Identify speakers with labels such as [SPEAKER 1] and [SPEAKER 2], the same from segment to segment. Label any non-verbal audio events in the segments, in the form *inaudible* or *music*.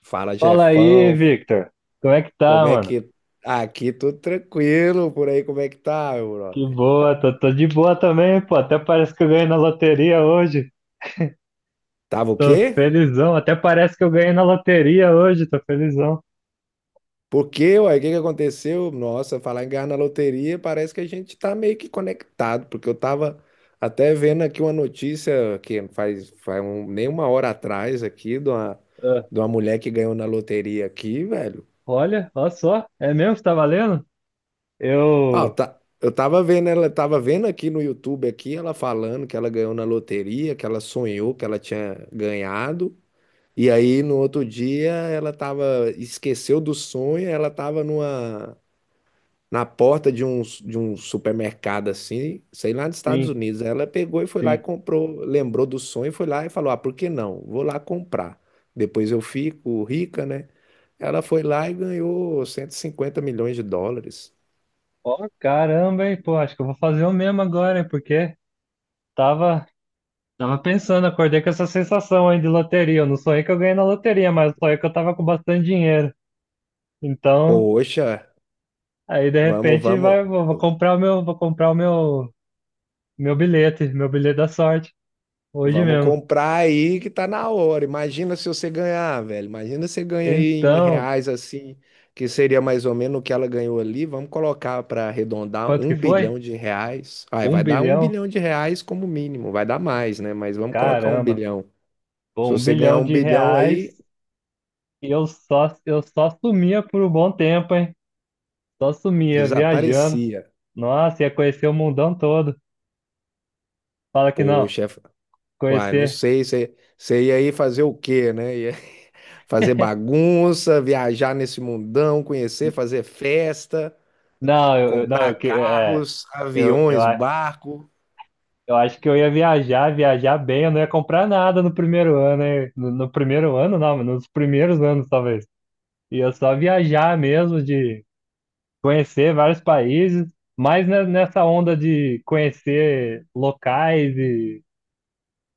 [SPEAKER 1] Fala,
[SPEAKER 2] Fala aí,
[SPEAKER 1] Jefão,
[SPEAKER 2] Victor. Como é que tá,
[SPEAKER 1] como é
[SPEAKER 2] mano?
[SPEAKER 1] que. Aqui tudo tranquilo, por aí como é que tá, meu
[SPEAKER 2] Que
[SPEAKER 1] brother?
[SPEAKER 2] boa, tô de boa também, pô. Até parece que eu ganhei na loteria hoje.
[SPEAKER 1] Tava o
[SPEAKER 2] Tô
[SPEAKER 1] quê?
[SPEAKER 2] felizão. Até parece que eu ganhei na loteria hoje, tô felizão.
[SPEAKER 1] Por quê, uai? O que que aconteceu? Nossa, falar em ganhar na loteria, parece que a gente tá meio que conectado, porque eu tava até vendo aqui uma notícia que faz nem uma hora atrás aqui de uma,
[SPEAKER 2] Ah,
[SPEAKER 1] de uma mulher que ganhou na loteria aqui, velho.
[SPEAKER 2] olha, olha só. É mesmo que tá valendo?
[SPEAKER 1] Ah,
[SPEAKER 2] Eu.
[SPEAKER 1] tá, eu tava vendo, ela tava vendo aqui no YouTube aqui, ela falando que ela ganhou na loteria, que ela sonhou que ela tinha ganhado. E aí, no outro dia, ela tava, esqueceu do sonho, ela tava numa, na porta de um supermercado, assim, sei lá, nos Estados
[SPEAKER 2] Sim,
[SPEAKER 1] Unidos. Ela pegou e foi lá e
[SPEAKER 2] sim.
[SPEAKER 1] comprou, lembrou do sonho, foi lá e falou, ah, por que não? Vou lá comprar. Depois eu fico rica, né? Ela foi lá e ganhou 150 milhões de dólares.
[SPEAKER 2] Ó, caramba, hein, pô. Acho que eu vou fazer o mesmo agora, hein, porque tava. tava pensando, acordei com essa sensação aí de loteria. Eu não sonhei que eu ganhei na loteria, mas eu sonhei que eu tava com bastante dinheiro. Então,
[SPEAKER 1] Poxa,
[SPEAKER 2] aí de
[SPEAKER 1] vamos,
[SPEAKER 2] repente
[SPEAKER 1] vamos.
[SPEAKER 2] vou comprar o meu bilhete, meu bilhete da sorte, hoje
[SPEAKER 1] Vamos
[SPEAKER 2] mesmo.
[SPEAKER 1] comprar aí que tá na hora. Imagina se você ganhar, velho. Imagina se você ganha aí em
[SPEAKER 2] Então,
[SPEAKER 1] reais assim, que seria mais ou menos o que ela ganhou ali. Vamos colocar para arredondar
[SPEAKER 2] quanto que
[SPEAKER 1] um
[SPEAKER 2] foi?
[SPEAKER 1] bilhão de reais. Aí
[SPEAKER 2] Um
[SPEAKER 1] vai dar um
[SPEAKER 2] bilhão?
[SPEAKER 1] bilhão de reais como mínimo. Vai dar mais, né? Mas vamos colocar um
[SPEAKER 2] Caramba,
[SPEAKER 1] bilhão.
[SPEAKER 2] pô,
[SPEAKER 1] Se
[SPEAKER 2] um
[SPEAKER 1] você ganhar
[SPEAKER 2] bilhão
[SPEAKER 1] um
[SPEAKER 2] de
[SPEAKER 1] bilhão
[SPEAKER 2] reais
[SPEAKER 1] aí,
[SPEAKER 2] e eu só sumia por um bom tempo, hein? Só sumia, viajando.
[SPEAKER 1] desaparecia.
[SPEAKER 2] Nossa, ia conhecer o mundão todo. Fala que não,
[SPEAKER 1] Poxa, uai, não
[SPEAKER 2] conhecer.
[SPEAKER 1] sei. Você ia aí fazer o quê, né? Ia *laughs* fazer bagunça, viajar nesse mundão, conhecer, fazer festa.
[SPEAKER 2] Não, eu- não,
[SPEAKER 1] Comprar
[SPEAKER 2] eu, que- é.
[SPEAKER 1] carros,
[SPEAKER 2] Eu,
[SPEAKER 1] aviões,
[SPEAKER 2] a-
[SPEAKER 1] barco.
[SPEAKER 2] Eu acho que eu ia viajar, viajar bem, eu não ia comprar nada no primeiro ano, hein? No primeiro ano, não, mas nos primeiros anos, talvez. Ia só viajar mesmo, de conhecer vários países, mas nessa onda de conhecer locais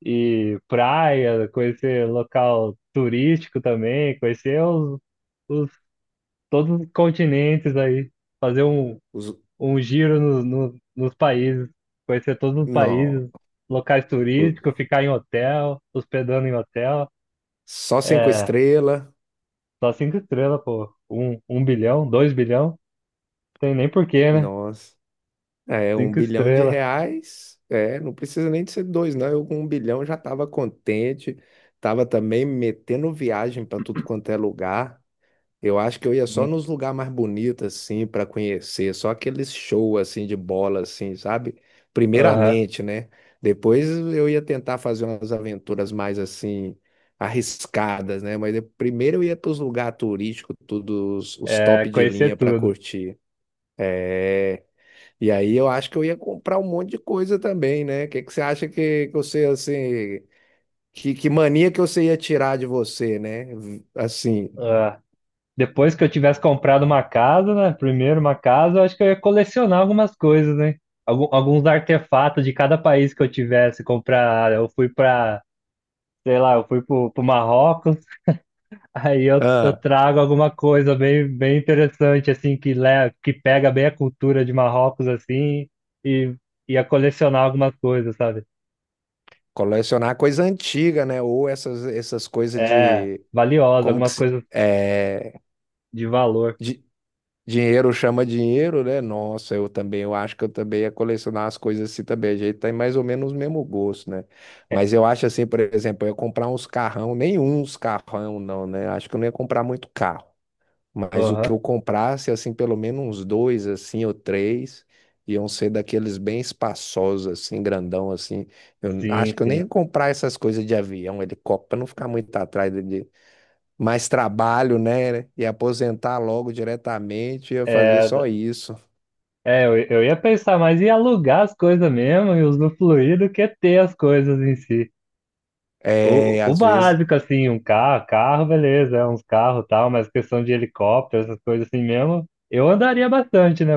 [SPEAKER 2] e praia, conhecer local turístico também, conhecer os, todos os continentes aí, fazer
[SPEAKER 1] Os...
[SPEAKER 2] um giro nos países, conhecer todos os
[SPEAKER 1] Não.
[SPEAKER 2] países, locais turísticos,
[SPEAKER 1] O-
[SPEAKER 2] ficar em hotel, hospedando em hotel.
[SPEAKER 1] Só cinco
[SPEAKER 2] É,
[SPEAKER 1] estrelas.
[SPEAKER 2] só cinco estrelas, pô. Um bilhão, dois bilhão, tem nem porquê, né?
[SPEAKER 1] Nossa. É, um
[SPEAKER 2] Cinco
[SPEAKER 1] bilhão de
[SPEAKER 2] estrelas.
[SPEAKER 1] reais. É, não precisa nem de ser dois, não. Eu com 1 bilhão já estava contente. Tava também metendo viagem para tudo quanto é lugar. Eu acho que eu ia só
[SPEAKER 2] Sim.
[SPEAKER 1] nos lugares mais bonitos, assim, para conhecer, só aqueles shows, assim, de bola, assim, sabe?
[SPEAKER 2] Aham.
[SPEAKER 1] Primeiramente, né? Depois eu ia tentar fazer umas aventuras mais, assim, arriscadas, né? Primeiro eu ia para os lugares turísticos, todos os
[SPEAKER 2] É,
[SPEAKER 1] top de linha
[SPEAKER 2] conhecer
[SPEAKER 1] para
[SPEAKER 2] tudo.
[SPEAKER 1] curtir. É, e aí eu acho que eu ia comprar um monte de coisa também, né? O que que você acha que você, assim, que mania que você ia tirar de você, né? Assim,
[SPEAKER 2] Ah, depois que eu tivesse comprado uma casa, né? Primeiro uma casa, eu acho que eu ia colecionar algumas coisas, né? Alguns artefatos de cada país que eu tivesse. Comprar, eu fui pra, sei lá, eu fui pro Marrocos. Aí eu
[SPEAKER 1] ah.
[SPEAKER 2] trago alguma coisa bem, bem interessante, assim, que pega bem a cultura de Marrocos, assim, e ia colecionar algumas coisas, sabe?
[SPEAKER 1] Colecionar coisa antiga, né? Ou essas coisas
[SPEAKER 2] É,
[SPEAKER 1] de.
[SPEAKER 2] valiosa,
[SPEAKER 1] Como que
[SPEAKER 2] algumas
[SPEAKER 1] se.
[SPEAKER 2] coisas
[SPEAKER 1] É,
[SPEAKER 2] de valor.
[SPEAKER 1] de, dinheiro chama dinheiro, né? Nossa, eu também. Eu acho que eu também ia colecionar as coisas assim também. A gente tem mais ou menos o mesmo gosto, né? Mas eu
[SPEAKER 2] *laughs*
[SPEAKER 1] acho assim, por exemplo, eu ia comprar uns carrão. Nenhum uns carrão, não, né? Acho que eu não ia comprar muito carro. Mas o que
[SPEAKER 2] Aham.
[SPEAKER 1] eu comprasse, assim, pelo menos uns dois, assim, ou três, iam ser daqueles bem espaçosos, assim, grandão, assim.
[SPEAKER 2] Sim,
[SPEAKER 1] Acho que eu nem
[SPEAKER 2] sim.
[SPEAKER 1] ia comprar essas coisas de avião, helicóptero, para não ficar muito atrás de mais trabalho, né? E aposentar logo diretamente, ia fazer
[SPEAKER 2] É,
[SPEAKER 1] só isso.
[SPEAKER 2] é eu ia pensar, mas ia alugar as coisas mesmo e usufruir do que ter as coisas em si. O,
[SPEAKER 1] É,
[SPEAKER 2] o
[SPEAKER 1] às vezes.
[SPEAKER 2] básico, assim, carro, beleza, é uns carros e tal, mas questão de helicóptero, essas coisas assim mesmo, eu andaria bastante, né?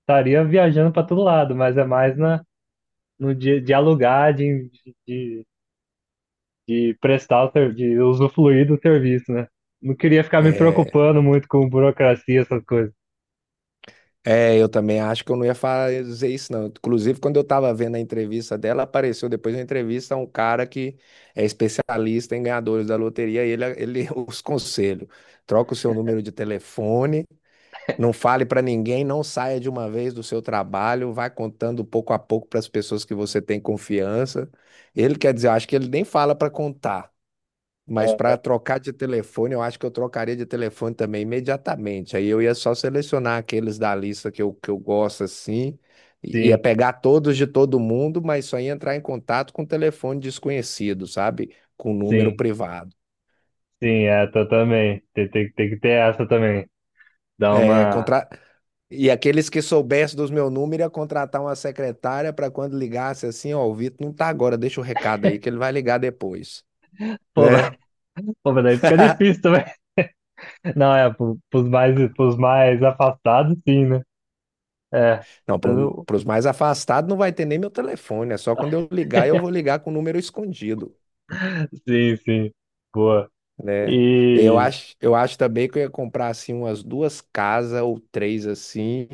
[SPEAKER 2] Estaria viajando para todo lado, mas é mais no dia de alugar, de, de prestar, de usufruir do serviço, né? Não queria ficar me
[SPEAKER 1] é,
[SPEAKER 2] preocupando muito com burocracia, essas coisas.
[SPEAKER 1] É, eu também acho que eu não ia fazer isso, não. Inclusive, quando eu tava vendo a entrevista dela, apareceu depois da entrevista um cara que é especialista em ganhadores da loteria, e ele *laughs* os conselhos. Troca o seu número de telefone, não fale pra ninguém, não saia de uma vez do seu trabalho, vai contando pouco a pouco para as pessoas que você tem confiança. Ele quer dizer, eu acho que ele nem fala pra contar. Mas para
[SPEAKER 2] Ah,
[SPEAKER 1] trocar de telefone, eu acho que eu trocaria de telefone também imediatamente. Aí eu ia só selecionar aqueles da lista que eu gosto assim, ia
[SPEAKER 2] sim,
[SPEAKER 1] pegar todos de todo mundo, mas só ia entrar em contato com telefone desconhecido, sabe? Com número
[SPEAKER 2] sim,
[SPEAKER 1] privado.
[SPEAKER 2] sim, é, tô também. Tem que ter essa também. Dá
[SPEAKER 1] É,
[SPEAKER 2] uma.
[SPEAKER 1] contra... E aqueles que soubessem dos meu número ia contratar uma secretária para quando ligasse assim, ó, o Vitor não tá agora, deixa o recado aí que ele vai ligar depois,
[SPEAKER 2] Pô, *laughs* mas
[SPEAKER 1] né?
[SPEAKER 2] pô, mas daí fica
[SPEAKER 1] *laughs*
[SPEAKER 2] difícil também. Não, é, pros mais afastados, sim, né? É,
[SPEAKER 1] Não,
[SPEAKER 2] eu-
[SPEAKER 1] para os mais afastados não vai ter nem meu telefone, é só quando eu ligar, eu
[SPEAKER 2] *laughs*
[SPEAKER 1] vou ligar com o número escondido,
[SPEAKER 2] sim, sim, boa.
[SPEAKER 1] né? Eu
[SPEAKER 2] E
[SPEAKER 1] acho, eu acho também que eu ia comprar assim umas duas casas ou três assim,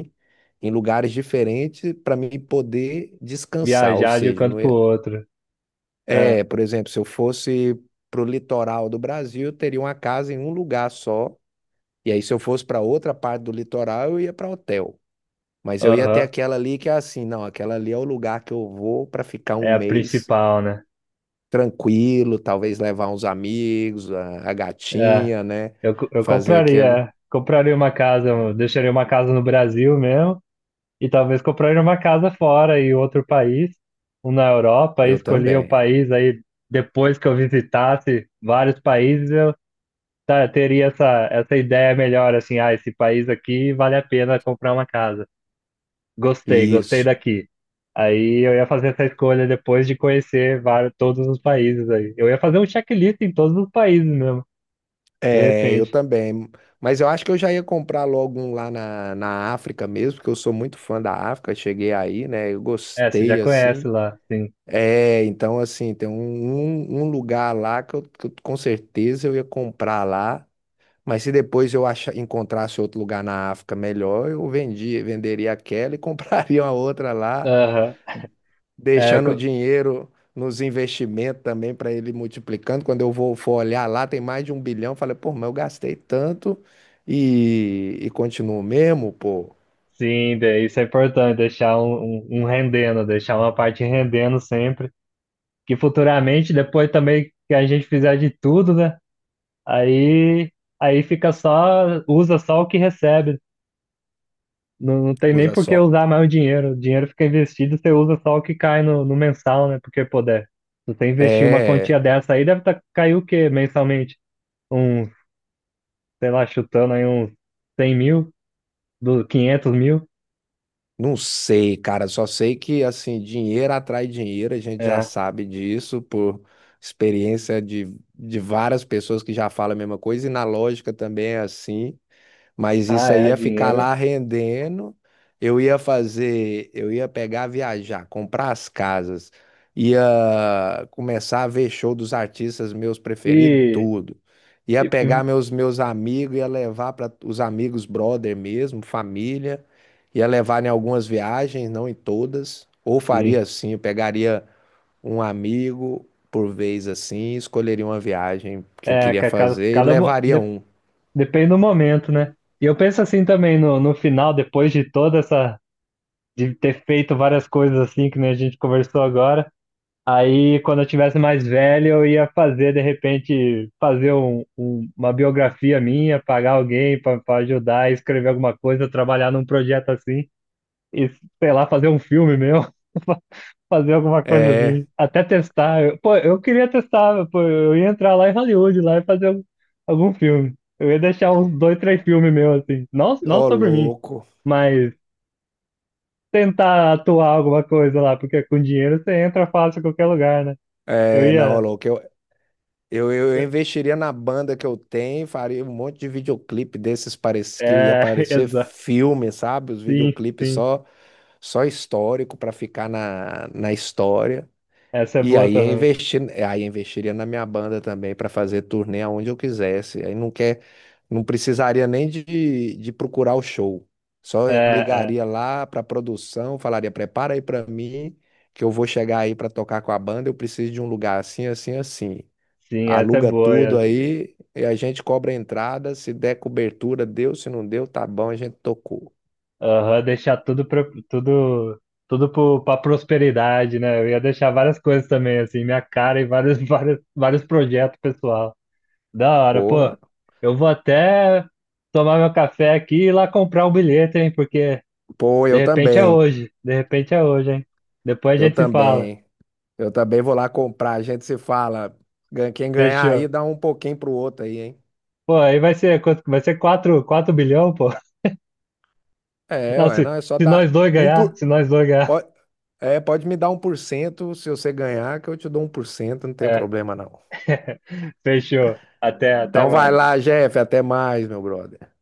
[SPEAKER 1] em lugares diferentes para mim poder descansar, ou
[SPEAKER 2] viajar de um
[SPEAKER 1] seja,
[SPEAKER 2] canto
[SPEAKER 1] não
[SPEAKER 2] pro
[SPEAKER 1] ia...
[SPEAKER 2] outro, é,
[SPEAKER 1] É, por exemplo, se eu fosse pro litoral do Brasil, eu teria uma casa em um lugar só, e aí se eu fosse para outra parte do litoral, eu ia para hotel. Mas eu ia ter
[SPEAKER 2] aham,
[SPEAKER 1] aquela ali que é assim, não, aquela ali é o lugar que eu vou para ficar um
[SPEAKER 2] é a
[SPEAKER 1] mês
[SPEAKER 2] principal, né?
[SPEAKER 1] tranquilo, talvez levar uns amigos, a
[SPEAKER 2] É,
[SPEAKER 1] gatinha, né?
[SPEAKER 2] eu
[SPEAKER 1] Fazer
[SPEAKER 2] compraria,
[SPEAKER 1] aquele.
[SPEAKER 2] é. Compraria uma casa, eu deixaria uma casa no Brasil mesmo, e talvez compraria uma casa fora, em outro país, um na Europa, e
[SPEAKER 1] Eu
[SPEAKER 2] escolhia o
[SPEAKER 1] também.
[SPEAKER 2] país, aí depois que eu visitasse vários países, tá, teria essa ideia melhor, assim, ah, esse país aqui vale a pena comprar uma casa. Gostei, gostei
[SPEAKER 1] Isso.
[SPEAKER 2] daqui. Aí eu ia fazer essa escolha depois de conhecer vários, todos os países aí. Eu ia fazer um checklist em todos os países mesmo, de
[SPEAKER 1] É, eu
[SPEAKER 2] repente.
[SPEAKER 1] também. Mas eu acho que eu já ia comprar logo um lá na África mesmo, porque eu sou muito fã da África. Cheguei aí, né? Eu
[SPEAKER 2] É, você já
[SPEAKER 1] gostei
[SPEAKER 2] conhece
[SPEAKER 1] assim.
[SPEAKER 2] lá, sim.
[SPEAKER 1] É, então assim, tem um lugar lá com certeza eu ia comprar lá. Mas se depois eu achar, encontrasse outro lugar na África melhor, eu vendia, venderia aquela e *laughs* compraria uma outra lá.
[SPEAKER 2] Aham. É,
[SPEAKER 1] Deixando o dinheiro nos investimentos também para ele ir multiplicando. Quando eu vou for olhar lá, tem mais de 1 bilhão. Falei, pô, mas eu gastei tanto e continuo mesmo, pô.
[SPEAKER 2] sim, isso é importante, deixar um rendendo, deixar uma parte rendendo sempre. Que futuramente, depois também que a gente fizer de tudo, né? Aí, aí fica só, usa só o que recebe. Não, não tem nem
[SPEAKER 1] Usa
[SPEAKER 2] por que
[SPEAKER 1] só.
[SPEAKER 2] usar mais o dinheiro. O dinheiro fica investido, você usa só o que cai no mensal, né? Porque poder. Se você investir uma quantia
[SPEAKER 1] É,
[SPEAKER 2] dessa aí, deve tá, cair o quê mensalmente? Uns, sei lá, chutando aí uns 100 mil, 500 mil.
[SPEAKER 1] não sei, cara. Só sei que assim, dinheiro atrai dinheiro, a gente já
[SPEAKER 2] É.
[SPEAKER 1] sabe disso por experiência de várias pessoas que já falam a mesma coisa, e na lógica também é assim. Mas
[SPEAKER 2] Ah,
[SPEAKER 1] isso aí
[SPEAKER 2] é,
[SPEAKER 1] ia ficar
[SPEAKER 2] dinheiro.
[SPEAKER 1] lá rendendo. Eu ia fazer, eu ia pegar, viajar, comprar as casas, ia começar a ver show dos artistas meus preferidos,
[SPEAKER 2] E,
[SPEAKER 1] tudo. Ia
[SPEAKER 2] e e-
[SPEAKER 1] pegar meus amigos, ia levar para os amigos brother mesmo, família, ia levar em algumas viagens, não em todas. Ou faria
[SPEAKER 2] sim.
[SPEAKER 1] assim, eu pegaria um amigo por vez assim, escolheria uma viagem que eu
[SPEAKER 2] É,
[SPEAKER 1] queria fazer e levaria um.
[SPEAKER 2] depende do momento, né? E eu penso assim também no final, depois de toda essa. De ter feito várias coisas assim, que nem a gente conversou agora. Aí, quando eu tivesse mais velho, eu ia fazer, de repente, fazer uma biografia minha, pagar alguém para ajudar, escrever alguma coisa, trabalhar num projeto assim, e sei lá, fazer um filme meu, *laughs* fazer alguma coisa
[SPEAKER 1] É,
[SPEAKER 2] assim, até testar. Pô, eu queria testar, pô, eu ia entrar lá em Hollywood, lá e fazer algum filme. Eu ia deixar uns dois, três filmes meus assim, não, não
[SPEAKER 1] ô
[SPEAKER 2] sobre mim,
[SPEAKER 1] louco.
[SPEAKER 2] mas tentar atuar alguma coisa lá, porque com dinheiro você entra fácil em qualquer lugar, né? Eu
[SPEAKER 1] É, não, ô
[SPEAKER 2] ia.
[SPEAKER 1] louco, eu investiria na banda que eu tenho, faria um monte de videoclipe desses parece, que ia
[SPEAKER 2] É, *laughs*
[SPEAKER 1] parecer
[SPEAKER 2] exato.
[SPEAKER 1] filme, sabe? Os
[SPEAKER 2] Sim,
[SPEAKER 1] videoclipes
[SPEAKER 2] sim.
[SPEAKER 1] só, só histórico para ficar na história.
[SPEAKER 2] Essa é
[SPEAKER 1] E
[SPEAKER 2] boa
[SPEAKER 1] aí eu
[SPEAKER 2] também.
[SPEAKER 1] investi, aí eu investiria na minha banda também para fazer turnê aonde eu quisesse. Aí não quer, não precisaria nem de procurar o show. Só eu
[SPEAKER 2] É, é.
[SPEAKER 1] ligaria lá para a produção, falaria: prepara aí para mim, que eu vou chegar aí para tocar com a banda. Eu preciso de um lugar assim, assim, assim.
[SPEAKER 2] Sim, essa é
[SPEAKER 1] Aluga
[SPEAKER 2] boa.
[SPEAKER 1] tudo
[SPEAKER 2] E-
[SPEAKER 1] aí e a gente cobra a entrada. Se der cobertura, deu. Se não deu, tá bom, a gente tocou.
[SPEAKER 2] Aham, deixar tudo pra, tudo, tudo pra prosperidade, né? Eu ia deixar várias coisas também, assim, minha cara e vários, *laughs* vários, vários projetos pessoal. Da hora, pô.
[SPEAKER 1] Porra.
[SPEAKER 2] Eu vou até tomar meu café aqui e ir lá comprar um bilhete, hein? Porque
[SPEAKER 1] Pô,
[SPEAKER 2] de
[SPEAKER 1] eu
[SPEAKER 2] repente é
[SPEAKER 1] também.
[SPEAKER 2] hoje. De repente é hoje, hein? Depois a
[SPEAKER 1] Eu
[SPEAKER 2] gente se fala.
[SPEAKER 1] também. Eu também vou lá comprar. A gente se fala. Quem ganhar
[SPEAKER 2] Fechou.
[SPEAKER 1] aí, dá um pouquinho pro outro aí, hein?
[SPEAKER 2] Pô, aí vai ser quanto? Vai ser quatro bilhão, pô. *laughs*
[SPEAKER 1] É,
[SPEAKER 2] Não,
[SPEAKER 1] ué,
[SPEAKER 2] se,
[SPEAKER 1] não, é só
[SPEAKER 2] se
[SPEAKER 1] dar.
[SPEAKER 2] nós dois
[SPEAKER 1] Um
[SPEAKER 2] ganhar,
[SPEAKER 1] por...
[SPEAKER 2] se nós dois ganhar.
[SPEAKER 1] pode, pode me dar 1% se você ganhar, que eu te dou 1%, não tem
[SPEAKER 2] É.
[SPEAKER 1] problema não.
[SPEAKER 2] *laughs* Fechou. Até, até
[SPEAKER 1] Então vai
[SPEAKER 2] mais.
[SPEAKER 1] lá, Jeff. Até mais, meu brother.